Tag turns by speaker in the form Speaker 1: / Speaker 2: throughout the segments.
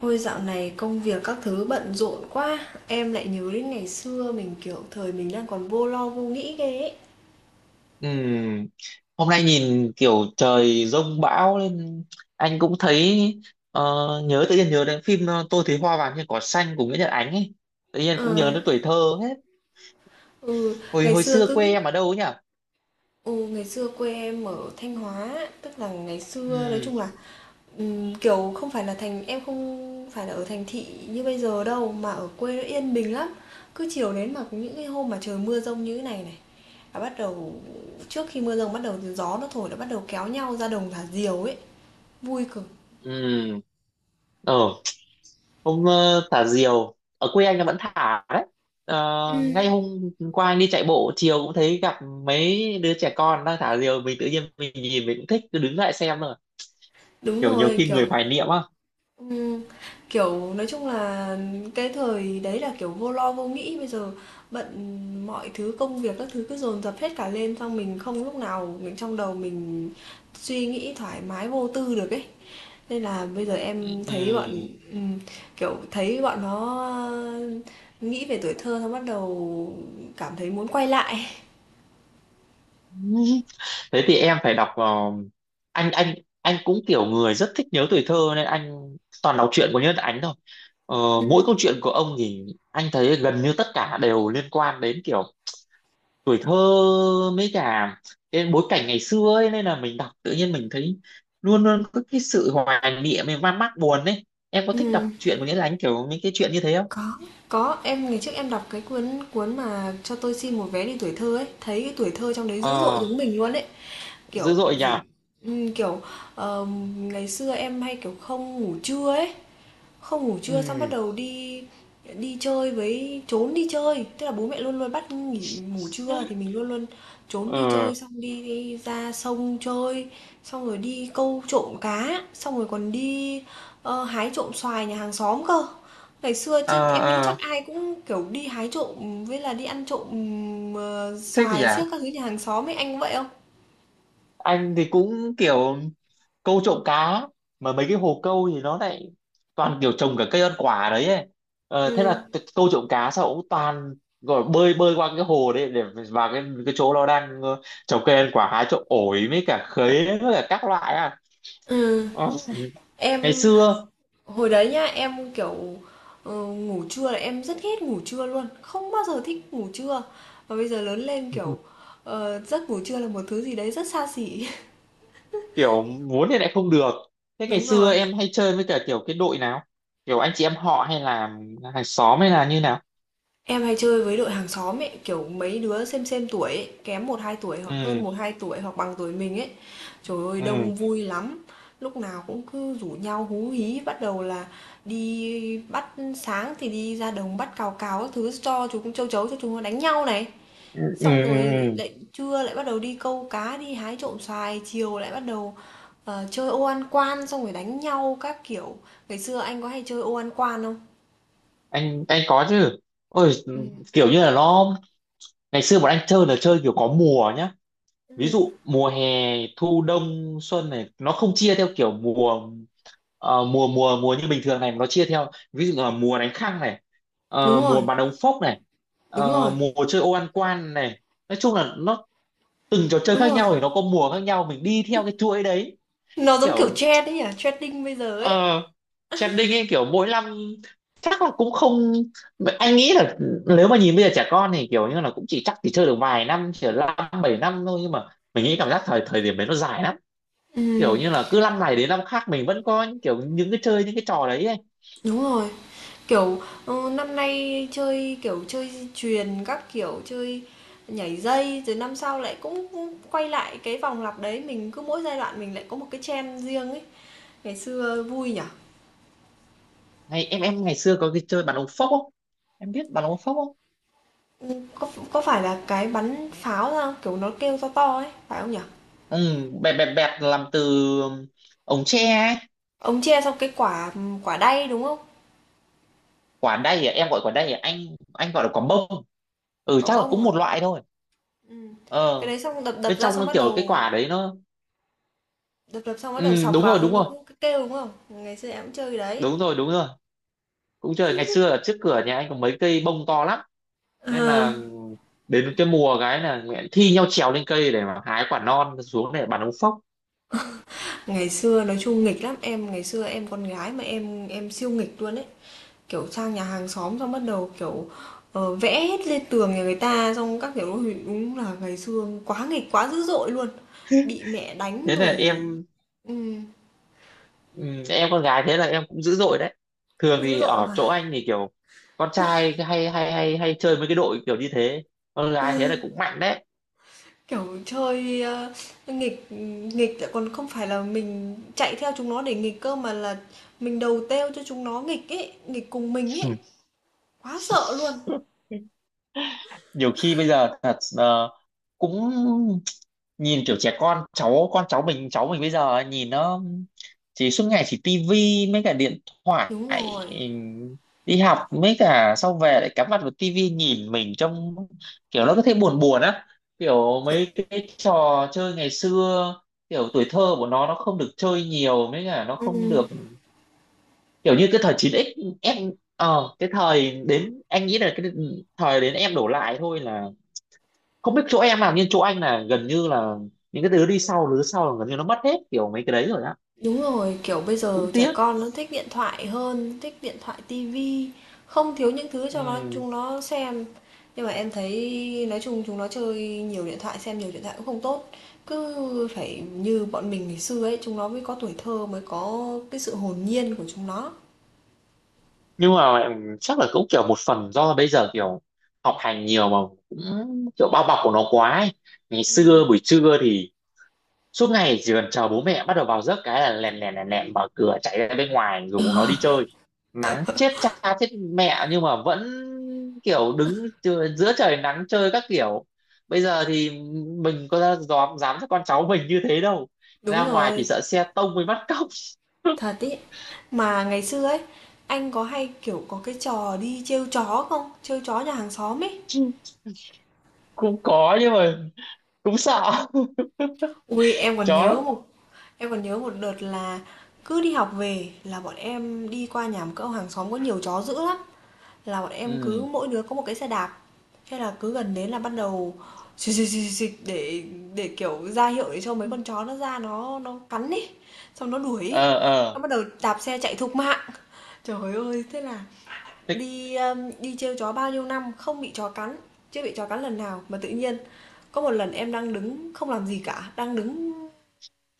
Speaker 1: Ôi dạo này công việc các thứ bận rộn quá. Em lại nhớ đến ngày xưa mình kiểu thời mình đang còn vô lo vô nghĩ ghê ấy.
Speaker 2: Ừm, Hôm nay nhìn kiểu trời giông bão nên anh cũng thấy ờ, nhớ tự nhiên nhớ đến phim Tôi thấy hoa vàng trên cỏ xanh của Nguyễn Nhật Ánh ấy. Tự nhiên cũng nhớ
Speaker 1: Ờ,
Speaker 2: đến tuổi thơ hết.
Speaker 1: ừ,
Speaker 2: Hồi
Speaker 1: ngày
Speaker 2: hồi
Speaker 1: xưa
Speaker 2: xưa quê
Speaker 1: cứ
Speaker 2: em ở đâu ấy nhỉ?
Speaker 1: ừ, ngày xưa quê em ở Thanh Hóa. Tức là ngày xưa nói
Speaker 2: Ừm,
Speaker 1: chung là kiểu không phải là thành em không phải là ở thành thị như bây giờ đâu. Mà ở quê nó yên bình lắm. Cứ chiều đến mà những cái hôm mà trời mưa rông như thế này này. Là bắt đầu trước khi mưa rông bắt đầu gió nó thổi là bắt đầu kéo nhau ra đồng thả diều ấy. Vui cực.
Speaker 2: ừm. Ờ, thả diều ở quê anh là vẫn thả đấy. Ờ, ngay hôm qua anh đi chạy bộ chiều cũng thấy gặp mấy đứa trẻ con đang thả diều, mình tự nhiên mình nhìn mình cũng thích cứ đứng lại xem rồi,
Speaker 1: Đúng
Speaker 2: kiểu nhiều
Speaker 1: rồi,
Speaker 2: khi
Speaker 1: kiểu
Speaker 2: người hoài niệm á.
Speaker 1: Ừm, kiểu, nói chung là cái thời đấy là, kiểu, vô lo vô nghĩ, bây giờ bận mọi thứ, công việc các thứ cứ dồn dập hết cả lên, xong mình không lúc nào mình trong đầu mình suy nghĩ thoải mái vô tư được ấy. Nên là bây giờ em thấy bọn
Speaker 2: Ừm.
Speaker 1: ừm, kiểu, thấy bọn nó, nghĩ về tuổi thơ xong bắt đầu cảm thấy muốn quay lại.
Speaker 2: Thế thì em phải đọc vào, anh. Anh cũng kiểu người rất thích nhớ tuổi thơ nên anh toàn đọc truyện của Nhân Ánh thôi. ờ, Mỗi câu
Speaker 1: Ừm.
Speaker 2: chuyện của ông thì anh thấy gần như tất cả đều liên quan đến kiểu tuổi thơ mấy cả cái bối cảnh ngày xưa ấy, nên là mình đọc tự nhiên mình thấy luôn luôn có cái sự hoài niệm mình man mác buồn ấy. Em có thích đọc
Speaker 1: Ừm.
Speaker 2: truyện của Nhân Ánh kiểu những cái chuyện như thế không?
Speaker 1: Có, có, em ngày trước em đọc cái cuốn cuốn mà Cho tôi xin một vé đi tuổi thơ ấy, thấy cái tuổi thơ trong đấy dữ dội
Speaker 2: ờ
Speaker 1: giống mình luôn ấy,
Speaker 2: Dữ
Speaker 1: kiểu
Speaker 2: dội nhỉ.
Speaker 1: dù kiểu ngày xưa em hay kiểu không ngủ trưa ấy, không ngủ trưa xong bắt
Speaker 2: Ừ.
Speaker 1: đầu đi đi chơi với trốn đi chơi, tức là bố mẹ luôn luôn bắt nghỉ ngủ trưa thì mình luôn luôn trốn đi
Speaker 2: Ờ.
Speaker 1: chơi, xong đi đi ra sông chơi, xong rồi đi câu trộm cá, xong rồi còn đi, hái trộm xoài nhà hàng xóm cơ. Ngày xưa chứ
Speaker 2: Ờ.
Speaker 1: em nghĩ chắc
Speaker 2: Ờ.
Speaker 1: ai cũng, kiểu, đi hái trộm với là đi ăn trộm,
Speaker 2: Thích nhỉ.
Speaker 1: xoài xiếc các thứ nhà hàng xóm ấy, anh có vậy không?
Speaker 2: Anh thì cũng kiểu câu trộm cá, mà mấy cái hồ câu thì nó lại toàn kiểu trồng cả cây ăn quả đấy ấy. Thế
Speaker 1: Ừm,
Speaker 2: là câu trộm cá sao cũng toàn gọi là bơi bơi qua cái hồ đấy để vào cái chỗ nó đang trồng cây ăn quả, hái trộm ổi với cả khế với cả các loại à.
Speaker 1: ừm,
Speaker 2: Ờ, Ngày
Speaker 1: em.
Speaker 2: xưa.
Speaker 1: Hồi đấy nhá, em, kiểu, ngủ trưa là em rất ghét ngủ trưa luôn, không bao giờ thích ngủ trưa. Và bây giờ lớn lên, kiểu, giấc ngủ trưa là một thứ gì đấy rất xa xỉ.
Speaker 2: Kiểu muốn thì lại không được. Thế ngày
Speaker 1: Đúng
Speaker 2: xưa
Speaker 1: rồi.
Speaker 2: em hay chơi với cả kiểu cái đội nào, kiểu anh chị em họ hay là hàng xóm hay là như nào?
Speaker 1: Em hay chơi với đội hàng xóm ấy, kiểu, mấy đứa xem tuổi ấy, kém một hai tuổi hoặc
Speaker 2: Ừ.
Speaker 1: hơn một hai tuổi hoặc bằng tuổi mình ấy. Trời ơi,
Speaker 2: Ừ.
Speaker 1: đông vui lắm, lúc nào cũng cứ rủ nhau hú hí, bắt đầu là đi bắt sáng thì đi ra đồng bắt cào cào các thứ cho chúng châu chấu cho chúng nó đánh nhau này.
Speaker 2: Ừ. Ừ.
Speaker 1: Xong
Speaker 2: Ừ.
Speaker 1: rồi
Speaker 2: Ừ.
Speaker 1: lại trưa lại bắt đầu đi câu cá, đi hái trộm xoài, chiều lại bắt đầu chơi ô ăn quan xong rồi đánh nhau các kiểu. Ngày xưa anh có hay chơi ô ăn quan không?
Speaker 2: anh có chứ. Ôi,
Speaker 1: Ừ.
Speaker 2: kiểu như là nó, ngày xưa bọn anh chơi là chơi kiểu có mùa nhá, ví
Speaker 1: Ừ.
Speaker 2: dụ mùa hè thu đông xuân này nó không chia theo kiểu mùa, mùa như bình thường này, mà nó chia theo ví dụ là mùa đánh khăng này,
Speaker 1: Đúng
Speaker 2: mùa
Speaker 1: rồi,
Speaker 2: bắn ống phốc này,
Speaker 1: đúng rồi,
Speaker 2: mùa chơi ô ăn quan này. Nói chung là nó từng trò chơi
Speaker 1: đúng
Speaker 2: khác
Speaker 1: rồi.
Speaker 2: nhau thì nó có mùa khác nhau, mình đi theo cái chuỗi đấy.
Speaker 1: Nó giống kiểu
Speaker 2: Kiểu
Speaker 1: trend ấy nhỉ, trending bây giờ ấy.
Speaker 2: ờ trending ấy, kiểu mỗi năm chắc là cũng không, anh nghĩ là nếu mà nhìn bây giờ trẻ con thì kiểu như là cũng chỉ chắc chỉ chơi được vài năm, chỉ là năm bảy năm thôi, nhưng mà mình nghĩ cảm giác thời thời điểm đấy nó dài lắm,
Speaker 1: Ừ,
Speaker 2: kiểu như là cứ năm này đến năm khác mình vẫn có những kiểu những cái chơi những cái trò đấy ấy.
Speaker 1: đúng rồi. Kiểu năm nay chơi kiểu chơi chuyền các kiểu chơi nhảy dây rồi năm sau lại cũng cũng quay lại cái vòng lặp đấy mình cứ mỗi giai đoạn mình lại có một cái trend riêng ấy. Ngày xưa vui nhỉ.
Speaker 2: Ngày em ngày xưa có cái chơi bàn ống phốc không? Em biết bàn ống phốc không?
Speaker 1: Có phải là cái bắn pháo ra kiểu, nó kêu to to ấy, phải không nhỉ?
Speaker 2: Ừ, bẹp bẹp bẹp, làm từ ống tre ấy.
Speaker 1: Ông chia xong cái quả, quả đay, đúng không?
Speaker 2: Quả đay à? Em gọi quả đay à anh? Anh gọi là quả bông. Ừ,
Speaker 1: Quả
Speaker 2: chắc là
Speaker 1: bông
Speaker 2: cũng
Speaker 1: à?
Speaker 2: một loại thôi.
Speaker 1: Ừm, cái
Speaker 2: ờ
Speaker 1: đấy xong đập đập
Speaker 2: Bên
Speaker 1: ra
Speaker 2: trong
Speaker 1: xong
Speaker 2: nó
Speaker 1: bắt
Speaker 2: kiểu cái
Speaker 1: đầu
Speaker 2: quả đấy nó...
Speaker 1: đập đập xong bắt đầu
Speaker 2: Ừ,
Speaker 1: sọc
Speaker 2: đúng rồi,
Speaker 1: vào
Speaker 2: đúng
Speaker 1: xong nó
Speaker 2: rồi,
Speaker 1: cũng cứ kêu, đúng không? Ngày xưa em cũng chơi cái đấy.
Speaker 2: đúng rồi, đúng rồi. Cũng trời, ngày xưa ở trước cửa nhà anh có mấy cây bông to lắm, nên
Speaker 1: Ờ,
Speaker 2: là đến cái mùa cái là nguyện thi nhau trèo lên cây để mà hái quả non xuống để bắn ống phốc.
Speaker 1: ngày xưa nói chung nghịch lắm, em ngày xưa em con gái mà em siêu nghịch luôn ấy. Kiểu sang nhà hàng xóm xong bắt đầu, kiểu, vẽ hết lên tường nhà người ta xong các kiểu, ôi, đúng là ngày xưa quá nghịch, quá dữ dội luôn, bị mẹ đánh
Speaker 2: Thế là
Speaker 1: rồi
Speaker 2: em...
Speaker 1: ừm.
Speaker 2: Ừ, em con gái thế là em cũng dữ dội đấy. Thường
Speaker 1: Dữ
Speaker 2: thì
Speaker 1: dội
Speaker 2: ở
Speaker 1: mà,
Speaker 2: chỗ anh thì kiểu con trai cái hay hay hay hay chơi với cái đội kiểu như thế, con gái thế là cũng mạnh đấy.
Speaker 1: kiểu, chơi, nghịch nghịch lại còn không phải là mình chạy theo chúng nó để nghịch cơ mà là mình đầu têu cho chúng nó nghịch ấy, nghịch cùng mình ấy, quá sợ luôn.
Speaker 2: Nhiều khi bây giờ thật, cũng nhìn kiểu trẻ con cháu con cháu mình bây giờ ấy, nhìn nó chỉ suốt ngày chỉ tivi mấy cả điện thoại.
Speaker 1: Đúng rồi,
Speaker 2: ừm, Đi học mấy cả sau về lại cắm mặt vào tivi, nhìn mình trông kiểu nó có thể buồn buồn á, kiểu
Speaker 1: chuẩn.
Speaker 2: mấy cái trò chơi ngày xưa, kiểu tuổi thơ của nó không được chơi nhiều mấy cả nó không
Speaker 1: Ừm.
Speaker 2: được, kiểu như cái thời 9x em, cái thời đến anh nghĩ là cái thời đến em đổ lại thôi, là không biết chỗ em làm nhưng chỗ anh là gần như là những cái đứa đi sau đứa sau là gần như nó mất hết kiểu mấy cái đấy rồi á.
Speaker 1: Đúng rồi, kiểu, bây
Speaker 2: Cũng
Speaker 1: giờ trẻ
Speaker 2: tiếc.
Speaker 1: con nó thích điện thoại hơn, thích điện thoại, tivi, không thiếu những thứ cho nó
Speaker 2: Ừ.
Speaker 1: chúng nó xem. Nhưng mà em thấy nói chung chúng nó chơi nhiều điện thoại, xem nhiều điện thoại cũng không tốt. Cứ phải như bọn mình ngày xưa ấy, chúng nó mới có tuổi thơ, mới có cái sự hồn nhiên của chúng nó.
Speaker 2: Nhưng mà chắc là cũng kiểu một phần do bây giờ kiểu học hành nhiều mà, cũng kiểu bao bọc của nó quá ấy. Ngày xưa buổi trưa thì suốt ngày chỉ cần chờ bố mẹ bắt đầu vào giấc cái là lèn lèn lèn lèn mở cửa chạy ra bên ngoài rủ nó đi chơi, nắng chết cha chết mẹ nhưng mà vẫn kiểu đứng giữa trời nắng chơi các kiểu. Bây giờ thì mình có ra dám dám cho con cháu mình như thế đâu,
Speaker 1: Đúng
Speaker 2: ra ngoài chỉ
Speaker 1: rồi,
Speaker 2: sợ xe tông với bắt cóc.
Speaker 1: thật ý. Mà ngày xưa ấy, anh có hay, kiểu, có cái trò đi trêu chó không? Trêu chó nhà hàng xóm ấy.
Speaker 2: Cũng có nhưng mà cũng sợ
Speaker 1: Ui em còn
Speaker 2: chó lắm.
Speaker 1: nhớ một em còn nhớ một đợt là cứ đi học về là bọn em đi qua nhà một cậu hàng xóm có nhiều chó dữ lắm, là bọn em cứ
Speaker 2: Ừ.
Speaker 1: mỗi đứa có một cái xe đạp. Thế là cứ gần đến là bắt đầu xịt xịt xịt xịt để kiểu ra hiệu để cho mấy con chó nó ra nó cắn đi xong nó đuổi ấy.
Speaker 2: Ờ.
Speaker 1: Nó
Speaker 2: Ờ.
Speaker 1: bắt đầu đạp xe chạy thục mạng. Trời ơi, thế là
Speaker 2: Thế-
Speaker 1: đi đi trêu chó bao nhiêu năm không bị chó cắn, chưa bị chó cắn lần nào mà tự nhiên có một lần em đang đứng không làm gì cả, đang đứng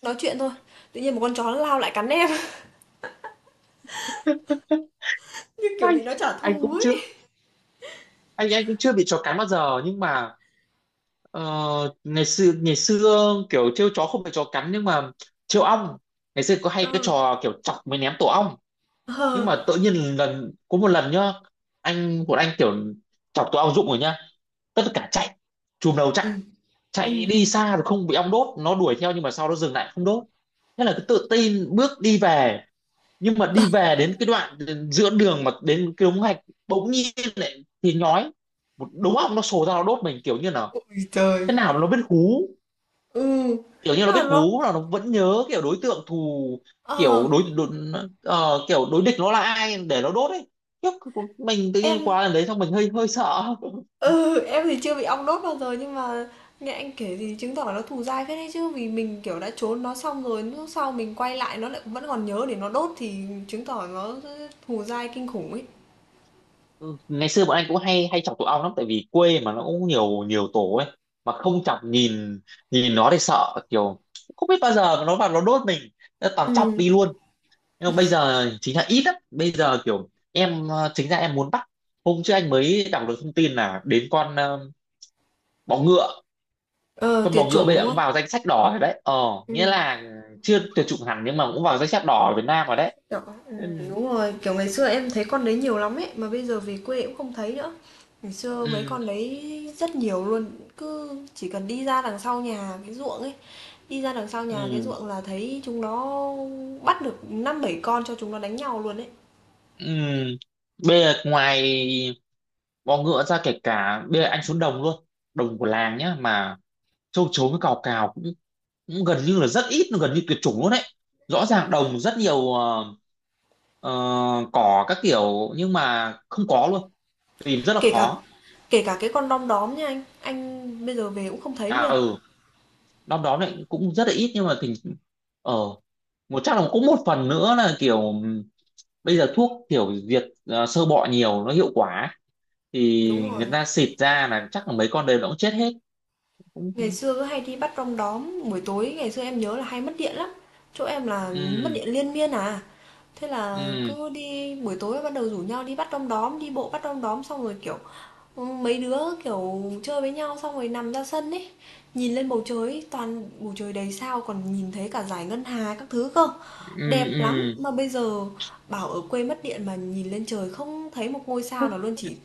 Speaker 1: nói chuyện thôi, tự nhiên một con chó nó lao lại cắn em. Như kiểu
Speaker 2: anh
Speaker 1: bị nó trả
Speaker 2: anh
Speaker 1: thù
Speaker 2: cũng chưa
Speaker 1: ấy.
Speaker 2: anh cũng chưa bị chó cắn bao giờ nhưng mà... Ờ, ngày xưa kiểu trêu chó không phải chó cắn nhưng mà trêu ong, ngày xưa có hay cái
Speaker 1: Ờ.
Speaker 2: trò kiểu chọc mới ném tổ ong. Nhưng
Speaker 1: Ờ.
Speaker 2: mà tự nhiên có một lần nhá, một anh kiểu chọc tổ ong rụng rồi nhá, tất cả chạy chùm đầu,
Speaker 1: Ừ.
Speaker 2: chạy
Speaker 1: Ừ.
Speaker 2: chạy đi xa rồi không bị ong đốt, nó đuổi theo nhưng mà sau nó dừng lại không đốt. Thế là cứ tự tin bước đi về, nhưng mà đi về đến cái đoạn giữa đường mà đến cái đống gạch bỗng nhiên lại thì nhói, một đống ong nó sổ ra nó đốt mình, kiểu như là
Speaker 1: Ôi trời.
Speaker 2: cái nào nó biết hú,
Speaker 1: Ừ.
Speaker 2: kiểu như nó
Speaker 1: Nhưng mà
Speaker 2: biết
Speaker 1: nó
Speaker 2: hú là nó vẫn nhớ kiểu đối tượng thù,
Speaker 1: ờ
Speaker 2: kiểu đối địch nó là ai để nó đốt ấy. Khiếp, mình tự
Speaker 1: em
Speaker 2: nhiên qua lần đấy xong mình hơi hơi sợ.
Speaker 1: ừ em thì chưa bị ong đốt bao giờ nhưng mà nghe anh kể thì chứng tỏ nó thù dai phết đấy chứ vì mình kiểu đã trốn nó xong rồi lúc sau mình quay lại nó lại vẫn còn nhớ để nó đốt thì chứng tỏ nó thù dai kinh khủng ấy.
Speaker 2: Ừ, ngày xưa bọn anh cũng hay hay chọc tụi ong lắm tại vì quê mà nó cũng nhiều nhiều tổ ấy, mà không chọc, nhìn nhìn nó thì sợ kiểu không biết bao giờ nó vào nó đốt mình, nó toàn chọc
Speaker 1: Ừ.
Speaker 2: đi luôn. Nhưng mà bây giờ chính là ít lắm, bây giờ kiểu em chính ra em muốn bắt, hôm trước anh mới đọc được thông tin là đến con bọ ngựa,
Speaker 1: Ờ
Speaker 2: con bò
Speaker 1: tuyệt
Speaker 2: ngựa
Speaker 1: chủng
Speaker 2: bây
Speaker 1: đúng
Speaker 2: giờ cũng
Speaker 1: không?
Speaker 2: vào danh sách đỏ rồi đấy. Ờ Nghĩa
Speaker 1: Ừ.
Speaker 2: là chưa tuyệt chủng hẳn nhưng mà cũng vào danh sách đỏ ở Việt Nam rồi đấy.
Speaker 1: Đỏ,
Speaker 2: Ừ,
Speaker 1: đúng rồi, kiểu, ngày xưa em thấy con đấy nhiều lắm ấy, mà bây giờ về quê cũng không thấy nữa. Ngày xưa mấy
Speaker 2: ừ,
Speaker 1: con đấy rất nhiều luôn, cứ chỉ cần đi ra đằng sau nhà cái ruộng ấy, đi ra đằng sau nhà cái
Speaker 2: ừ.
Speaker 1: ruộng là thấy chúng nó bắt được năm bảy con cho chúng nó đánh nhau luôn ấy.
Speaker 2: Ừ. Bây giờ ngoài bò ngựa ra, kể cả bây giờ anh xuống đồng luôn, đồng của làng nhá, mà châu chấu với cào cào cũng gần như là rất ít, gần như tuyệt chủng luôn đấy, rõ ràng đồng rất nhiều ờ, cỏ các kiểu nhưng mà không có luôn, tìm rất là
Speaker 1: Kể cả
Speaker 2: khó.
Speaker 1: kể cả cái con đom đóm nha anh bây giờ về cũng không thấy
Speaker 2: À,
Speaker 1: luôn.
Speaker 2: ừ, năm đó lại cũng rất là ít nhưng mà thì, ờ chắc là cũng một phần nữa là kiểu bây giờ thuốc kiểu diệt sơ bọ nhiều nó hiệu quả, thì
Speaker 1: Đúng rồi.
Speaker 2: người ta xịt ra là chắc là mấy con đấy nó cũng chết hết.
Speaker 1: Ngày
Speaker 2: Cũng-
Speaker 1: xưa cứ hay đi bắt đom đóm, buổi tối ngày xưa em nhớ là hay mất điện lắm. Chỗ em là mất
Speaker 2: ừ.
Speaker 1: điện liên miên à. Thế là
Speaker 2: Ừ.
Speaker 1: cứ đi buổi tối bắt đầu rủ nhau đi bắt đom đóm, đi bộ bắt đom đóm xong rồi kiểu ừ, mấy đứa kiểu chơi với nhau xong rồi nằm ra sân ấy, nhìn lên bầu trời toàn bầu trời đầy sao còn nhìn thấy cả dải ngân hà các thứ cơ.
Speaker 2: Ừ.
Speaker 1: Đẹp lắm
Speaker 2: Ừ.
Speaker 1: mà bây giờ bảo ở quê mất điện mà nhìn lên trời không thấy một ngôi sao nào luôn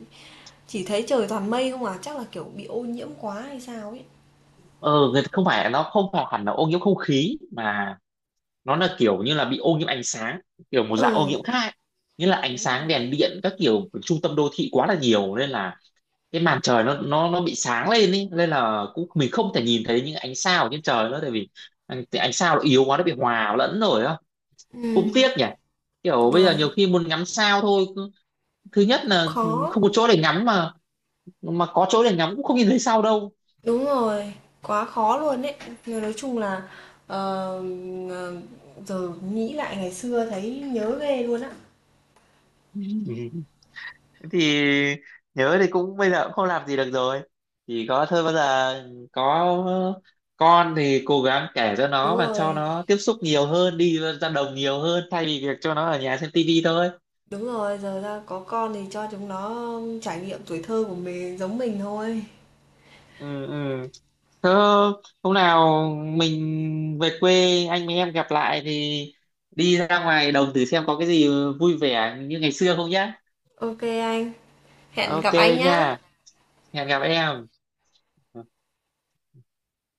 Speaker 1: chỉ thấy trời toàn mây không à, chắc là kiểu bị ô nhiễm quá hay sao ấy.
Speaker 2: ờ Người ta không phải, nó không phải hẳn là ô nhiễm không khí mà nó là kiểu như là bị ô nhiễm ánh sáng, kiểu một dạng ô
Speaker 1: Ừ,
Speaker 2: nhiễm khác ấy. Nghĩa là ánh
Speaker 1: đúng
Speaker 2: sáng
Speaker 1: rồi.
Speaker 2: đèn điện các kiểu của trung tâm đô thị quá là nhiều, nên là cái màn trời nó bị sáng lên ý, nên là cũng mình không thể nhìn thấy những ánh sao ở trên trời nữa, tại vì ánh sao nó yếu quá, nó bị hòa lẫn rồi á. Cũng
Speaker 1: Ừ,
Speaker 2: tiếc nhỉ, kiểu bây giờ
Speaker 1: được,
Speaker 2: nhiều khi muốn ngắm sao thôi thứ nhất là
Speaker 1: khó.
Speaker 2: không có chỗ để ngắm, mà có chỗ để ngắm cũng không nhìn thấy sao đâu.
Speaker 1: Đúng rồi, quá khó luôn đấy nhưng nói chung là, ờ, ờ, giờ nghĩ lại ngày xưa thấy nhớ ghê luôn á.
Speaker 2: Ừ. Thế thì nhớ thì cũng bây giờ cũng không làm gì được rồi, chỉ có thôi bây giờ có con thì cố gắng kể cho nó
Speaker 1: Đúng
Speaker 2: và cho
Speaker 1: rồi,
Speaker 2: nó tiếp xúc nhiều hơn, đi ra đồng nhiều hơn thay vì việc cho nó ở nhà xem tivi thôi.
Speaker 1: đúng rồi, giờ ra có con thì cho chúng nó trải nghiệm tuổi thơ của mình giống mình thôi.
Speaker 2: Ừ, ừ. Thế hôm nào mình về quê anh với em gặp lại thì đi ra ngoài đồng thử xem có cái gì vui vẻ như ngày xưa không nhá.
Speaker 1: OK anh, hẹn
Speaker 2: OK
Speaker 1: gặp anh nhá.
Speaker 2: nha, hẹn gặp em.